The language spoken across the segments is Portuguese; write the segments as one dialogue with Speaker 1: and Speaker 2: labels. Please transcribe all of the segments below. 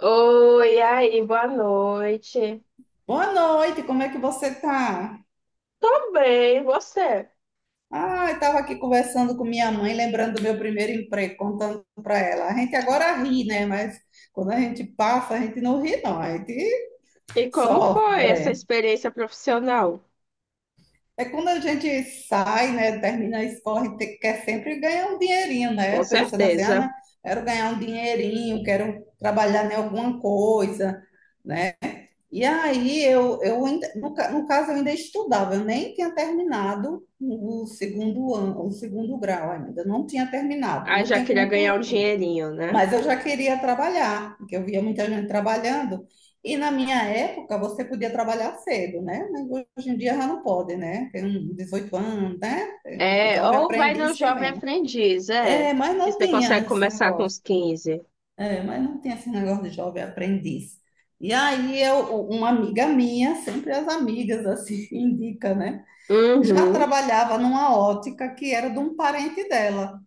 Speaker 1: Oi, e aí, boa noite.
Speaker 2: Boa noite, como é que você tá?
Speaker 1: Tô bem, e você?
Speaker 2: Ah, eu estava aqui conversando com minha mãe, lembrando do meu primeiro emprego, contando para ela. A gente agora ri, né? Mas quando a gente passa, a gente não ri, não, a gente
Speaker 1: E como foi essa
Speaker 2: sofre.
Speaker 1: experiência profissional?
Speaker 2: É quando a gente sai, né? Termina a escola, a gente quer sempre ganhar um dinheirinho, né?
Speaker 1: Com
Speaker 2: Pensando assim, ah, não,
Speaker 1: certeza.
Speaker 2: quero ganhar um dinheirinho, quero trabalhar em alguma coisa, né? E aí eu, no caso, eu ainda estudava, eu nem tinha terminado o segundo ano, o segundo grau ainda, não tinha terminado,
Speaker 1: Ah,
Speaker 2: não
Speaker 1: já
Speaker 2: tinha
Speaker 1: queria ganhar um
Speaker 2: concluído.
Speaker 1: dinheirinho, né?
Speaker 2: Mas eu já queria trabalhar, porque eu via muita gente trabalhando, e na minha época você podia trabalhar cedo, né? Mas hoje em dia já não pode, né? Tem um 18 anos, né? O
Speaker 1: É,
Speaker 2: Jovem
Speaker 1: ou vai no
Speaker 2: Aprendiz tem
Speaker 1: Jovem
Speaker 2: menos.
Speaker 1: Aprendiz, é.
Speaker 2: É, mas
Speaker 1: Que
Speaker 2: não
Speaker 1: você consegue
Speaker 2: tinha esse
Speaker 1: começar com
Speaker 2: negócio.
Speaker 1: os 15.
Speaker 2: É, mas não tem esse negócio de jovem aprendiz. E aí uma amiga minha, sempre as amigas assim indica, né? Já
Speaker 1: Uhum.
Speaker 2: trabalhava numa ótica que era de um parente dela.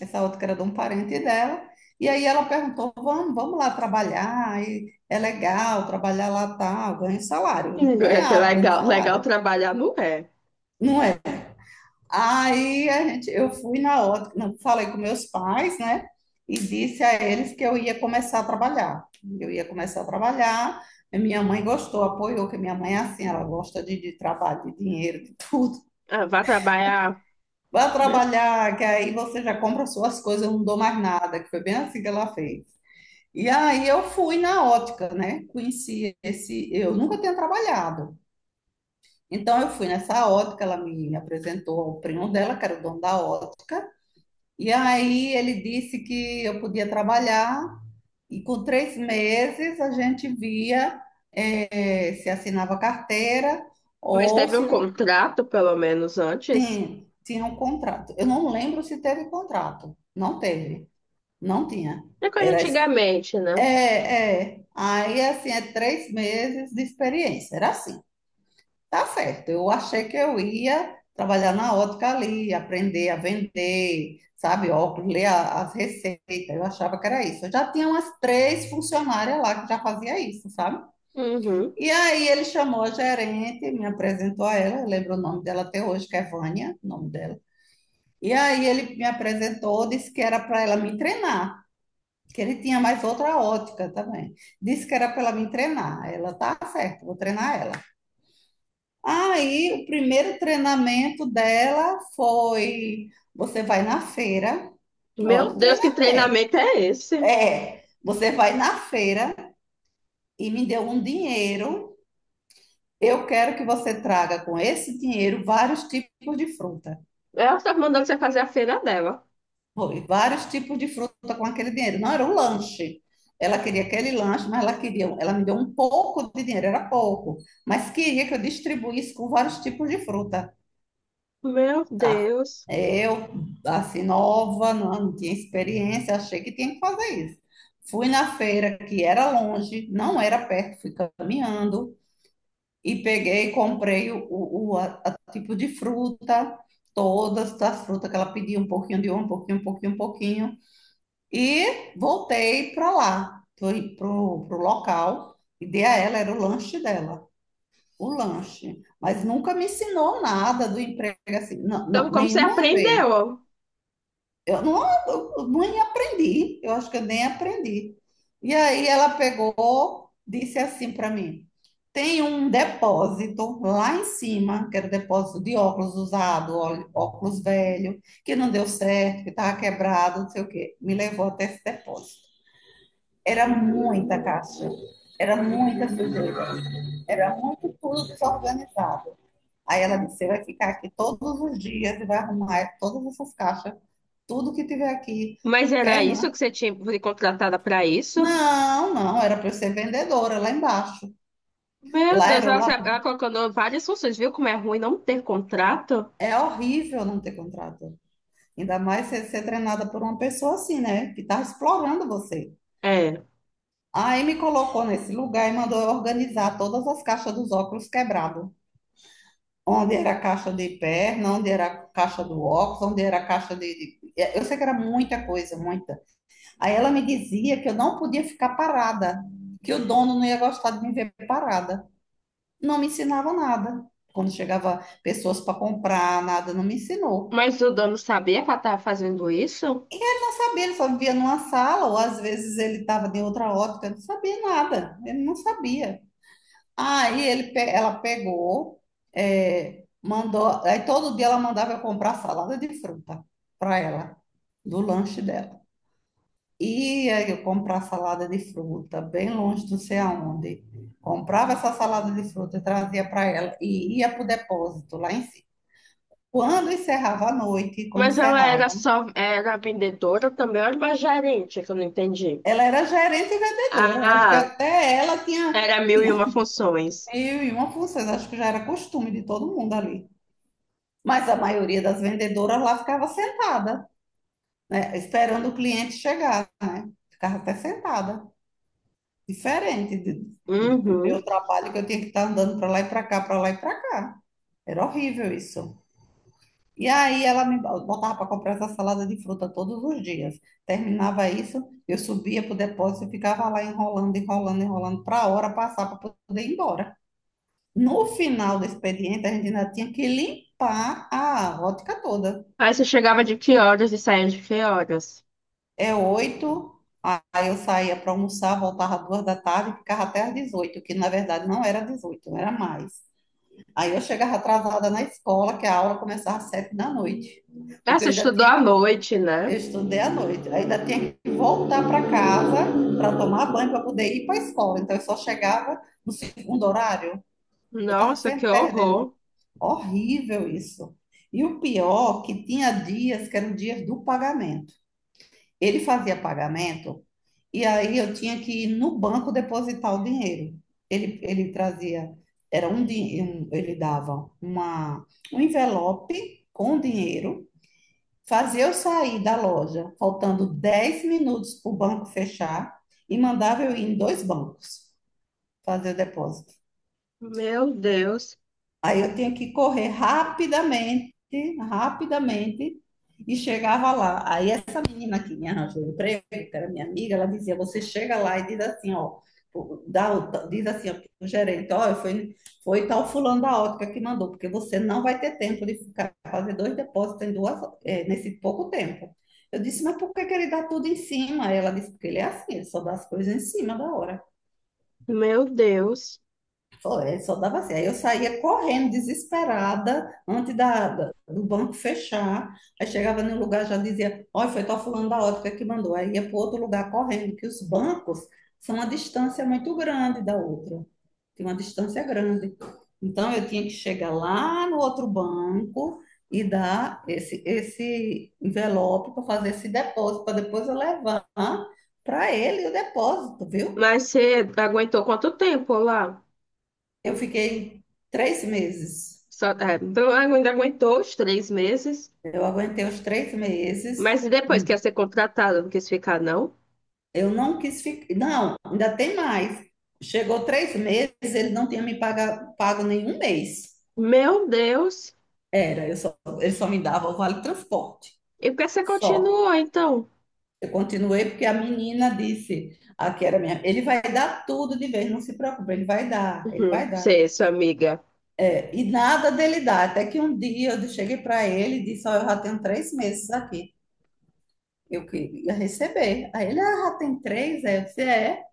Speaker 2: Essa ótica era de um parente dela. E aí ela perguntou: "Vamos, vamos lá trabalhar? E é legal trabalhar lá tal, ganha um salário".
Speaker 1: É até
Speaker 2: Ganhava um
Speaker 1: legal, legal
Speaker 2: salário.
Speaker 1: trabalhar, não é?
Speaker 2: Não é. Aí eu fui na ótica, falei com meus pais, né? E disse a eles que eu ia começar a trabalhar. Eu ia começar a trabalhar. E minha mãe gostou, apoiou, que minha mãe é assim, ela gosta de trabalho, de dinheiro, de tudo.
Speaker 1: Ah, vai trabalhar.
Speaker 2: Vai trabalhar, que aí você já compra suas coisas, eu não dou mais nada, que foi bem assim que ela fez. E aí eu fui na ótica, né? Eu nunca tinha trabalhado. Então eu fui nessa ótica, ela me apresentou ao primo dela, que era o dono da ótica. E aí ele disse que eu podia trabalhar e com 3 meses a gente via, se assinava carteira,
Speaker 1: Mas
Speaker 2: ou
Speaker 1: teve
Speaker 2: se
Speaker 1: um contrato, pelo menos, antes.
Speaker 2: tinha um contrato. Eu não lembro se teve contrato. Não teve, não tinha.
Speaker 1: É coisa
Speaker 2: Era es-
Speaker 1: antigamente,
Speaker 2: É,
Speaker 1: né?
Speaker 2: é. Aí assim é 3 meses de experiência. Era assim. Tá certo. Eu achei que eu ia trabalhar na ótica ali, aprender a vender, sabe, óculos, ler as receitas. Eu achava que era isso. Eu já tinha umas três funcionárias lá que já fazia isso, sabe?
Speaker 1: Uhum.
Speaker 2: E aí ele chamou a gerente, me apresentou a ela, eu lembro o nome dela até hoje, que é Vânia, o nome dela. E aí ele me apresentou, disse que era para ela me treinar, que ele tinha mais outra ótica também. Disse que era para ela me treinar. Ela, tá certo, vou treinar ela. Aí, o primeiro treinamento dela foi: você vai na feira, olha
Speaker 1: Meu
Speaker 2: o
Speaker 1: Deus, que
Speaker 2: treinamento.
Speaker 1: treinamento é esse?
Speaker 2: É, você vai na feira e me deu um dinheiro. Eu quero que você traga com esse dinheiro vários tipos de fruta.
Speaker 1: Ela está mandando você fazer a feira dela.
Speaker 2: Foi, vários tipos de fruta com aquele dinheiro. Não era um lanche. Ela queria aquele lanche, mas ela queria, ela me deu um pouco de dinheiro, era pouco, mas queria que eu distribuísse com vários tipos de fruta.
Speaker 1: Meu
Speaker 2: Tá.
Speaker 1: Deus.
Speaker 2: Eu, assim, nova, não tinha experiência, achei que tinha que fazer isso. Fui na feira, que era longe, não era perto, fui caminhando e peguei e comprei a tipo de fruta, todas as frutas que ela pediu, um pouquinho de uma, um pouquinho, um pouquinho, um pouquinho. E voltei para lá, fui pro local e dei a ela, era o lanche dela, o lanche. Mas nunca me ensinou nada do emprego, assim, não,
Speaker 1: Então,
Speaker 2: não,
Speaker 1: como você
Speaker 2: nenhuma vez.
Speaker 1: aprendeu?
Speaker 2: Eu não, eu nem aprendi, eu acho que eu nem aprendi. E aí ela pegou, disse assim para mim: tem um depósito lá em cima, que era depósito de óculos usado, óculos velho, que não deu certo, que estava quebrado, não sei o quê. Me levou até esse depósito. Era muita caixa, era muita sujeira, era muito tudo desorganizado. Aí ela disse: Você vai ficar aqui todos os dias e vai arrumar todas essas caixas, tudo que tiver aqui.
Speaker 1: Mas era isso
Speaker 2: Perna.
Speaker 1: que você tinha foi contratada para isso?
Speaker 2: Não, não, era para eu ser vendedora lá embaixo.
Speaker 1: Meu
Speaker 2: Lá
Speaker 1: Deus,
Speaker 2: era o
Speaker 1: ela,
Speaker 2: lab.
Speaker 1: ela colocando várias funções, viu como é ruim não ter contrato?
Speaker 2: É horrível não ter contrato. Ainda mais ser treinada por uma pessoa assim, né? Que tá explorando você.
Speaker 1: É.
Speaker 2: Aí me colocou nesse lugar e mandou eu organizar todas as caixas dos óculos quebrados. Onde era a caixa de perna, onde era a caixa do óculos, onde era a caixa de. Eu sei que era muita coisa, muita. Aí ela me dizia que eu não podia ficar parada, que o dono não ia gostar de me ver parada. Não me ensinava nada. Quando chegava pessoas para comprar, nada, não me ensinou.
Speaker 1: Mas o dono sabia que ela estava fazendo isso?
Speaker 2: E ele não sabia, ele só vivia numa sala, ou às vezes ele estava de outra ótica, não sabia nada, ele não sabia. Aí ela pegou, é, mandou, aí todo dia ela mandava eu comprar salada de fruta para ela, do lanche dela. Ia eu comprar salada de fruta, bem longe do sei aonde. Comprava essa salada de fruta, trazia para ela e ia para o depósito lá em cima. Quando encerrava a noite, quando
Speaker 1: Mas ela era
Speaker 2: encerravam,
Speaker 1: só, era vendedora também, ou era uma gerente, que eu não entendi.
Speaker 2: ela era gerente e vendedora. Eu acho que
Speaker 1: Ah,
Speaker 2: até ela tinha,
Speaker 1: era mil e
Speaker 2: tinha
Speaker 1: uma funções.
Speaker 2: mil e uma funções, acho que já era costume de todo mundo ali. Mas a maioria das vendedoras lá ficava sentada, né, esperando o cliente chegar, né? Ficava até sentada. Diferente do
Speaker 1: Uhum.
Speaker 2: meu trabalho, que eu tinha que estar andando para lá e para cá, para lá e para cá. Era horrível isso. E aí ela me botava para comprar essa salada de fruta todos os dias. Terminava isso, eu subia para o depósito e ficava lá enrolando, enrolando, enrolando, para a hora passar para poder ir embora. No final do expediente, a gente ainda tinha que limpar a rótica toda.
Speaker 1: Aí você chegava de que horas e saía de que horas?
Speaker 2: É 8, aí eu saía para almoçar, voltava às 2 da tarde e ficava até às 18, que na verdade não era 18, era mais. Aí eu chegava atrasada na escola, que a aula começava às 7 da noite,
Speaker 1: Ah,
Speaker 2: porque
Speaker 1: você
Speaker 2: eu ainda
Speaker 1: estudou
Speaker 2: tinha,
Speaker 1: à noite, né?
Speaker 2: eu estudei à noite, ainda tinha que voltar para casa para tomar banho para poder ir para a escola. Então eu só chegava no segundo horário, eu estava
Speaker 1: Nossa, que
Speaker 2: sempre
Speaker 1: horror.
Speaker 2: perdendo. Horrível isso. E o pior, que tinha dias que eram dias do pagamento. Ele fazia pagamento e aí eu tinha que ir no banco depositar o dinheiro. Ele trazia, era um, din- um- ele dava um envelope com dinheiro, fazia eu sair da loja, faltando 10 minutos para o banco fechar, e mandava eu ir em dois bancos fazer o depósito.
Speaker 1: Meu Deus,
Speaker 2: Aí eu tinha que correr rapidamente, rapidamente, e chegava lá. Aí essa menina que me arranjou o emprego, que era minha amiga, ela dizia: você chega lá e diz assim, ó, dá, diz assim ó, pro gerente, ó, foi tal fulano da ótica que mandou, porque você não vai ter tempo de ficar fazer dois depósitos nesse pouco tempo. Eu disse, mas por que que ele dá tudo em cima? Aí ela disse, porque ele é assim, ele só dá as coisas em cima da hora.
Speaker 1: meu Deus.
Speaker 2: Foi, só dava assim. Aí eu saía correndo, desesperada, antes do banco fechar. Aí chegava no lugar, já dizia, olha, foi tal fulano da ótica que mandou. Aí ia para outro lugar correndo, que os bancos são uma distância muito grande da outra. Tem uma distância grande. Então, eu tinha que chegar lá no outro banco e dar esse envelope para fazer esse depósito, para depois eu levar para ele o depósito, viu?
Speaker 1: Mas você aguentou quanto tempo lá?
Speaker 2: Eu fiquei 3 meses.
Speaker 1: Só, é, então ainda aguentou os 3 meses,
Speaker 2: Eu aguentei os 3 meses,
Speaker 1: mas e depois que ia ser contratada, não quis ficar, não?
Speaker 2: eu não quis ficar. Não, ainda tem mais. Chegou 3 meses, ele não tinha me pago nenhum mês.
Speaker 1: Meu Deus!
Speaker 2: Ele só me dava o vale transporte.
Speaker 1: E por que você
Speaker 2: Só.
Speaker 1: continuou, então?
Speaker 2: Eu continuei porque a menina disse, aqui era minha, ele vai dar tudo de vez, não se preocupe, ele vai dar, ele
Speaker 1: Uhum,
Speaker 2: vai dar.
Speaker 1: você, sua amiga.
Speaker 2: E nada dele dar. Até que um dia eu cheguei para ele e disse: Ó, eu já tenho 3 meses aqui. Eu queria receber. Aí ele, ah, já tem três? Aí eu disse, é.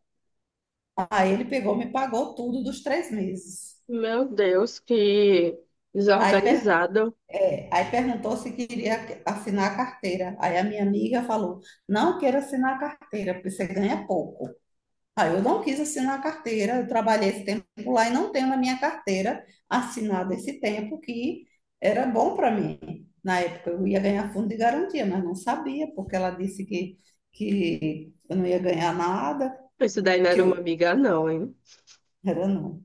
Speaker 2: Aí ele pegou, me pagou tudo dos 3 meses.
Speaker 1: Meu Deus, que
Speaker 2: Aí, per-
Speaker 1: desorganizado.
Speaker 2: aí, perguntou se queria assinar a carteira. Aí a minha amiga falou: não quero assinar a carteira, porque você ganha pouco. Aí eu não quis assinar a carteira, eu trabalhei esse tempo lá e não tenho na minha carteira assinada esse tempo, que era bom para mim. Na época eu ia ganhar fundo de garantia, mas não sabia, porque ela disse que eu não ia ganhar nada,
Speaker 1: Isso daí não
Speaker 2: que
Speaker 1: era uma
Speaker 2: eu
Speaker 1: amiga, não, hein?
Speaker 2: era não.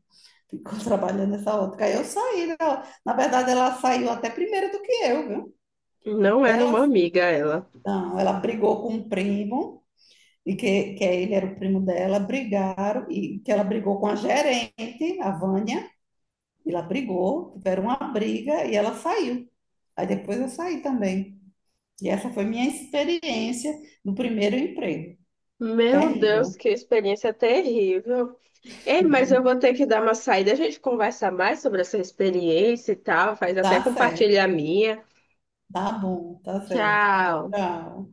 Speaker 2: Ficou trabalhando nessa outra. Aí eu saí, né? Na verdade, ela saiu até primeiro do que eu, viu?
Speaker 1: Não era uma
Speaker 2: Ela,
Speaker 1: amiga ela.
Speaker 2: não, ela brigou com um primo, e que ele era o primo dela, brigaram, e que ela brigou com a gerente, a Vânia, e ela brigou, tiveram uma briga e ela saiu. Aí depois eu saí também. E essa foi minha experiência no primeiro emprego.
Speaker 1: Meu Deus,
Speaker 2: Terrível.
Speaker 1: que experiência terrível. Ei, mas eu vou ter que dar uma saída. A gente conversa mais sobre essa experiência e tal. Faz até
Speaker 2: Tá certo.
Speaker 1: compartilhar a minha.
Speaker 2: Tá bom, tá certo.
Speaker 1: Tchau.
Speaker 2: Tchau.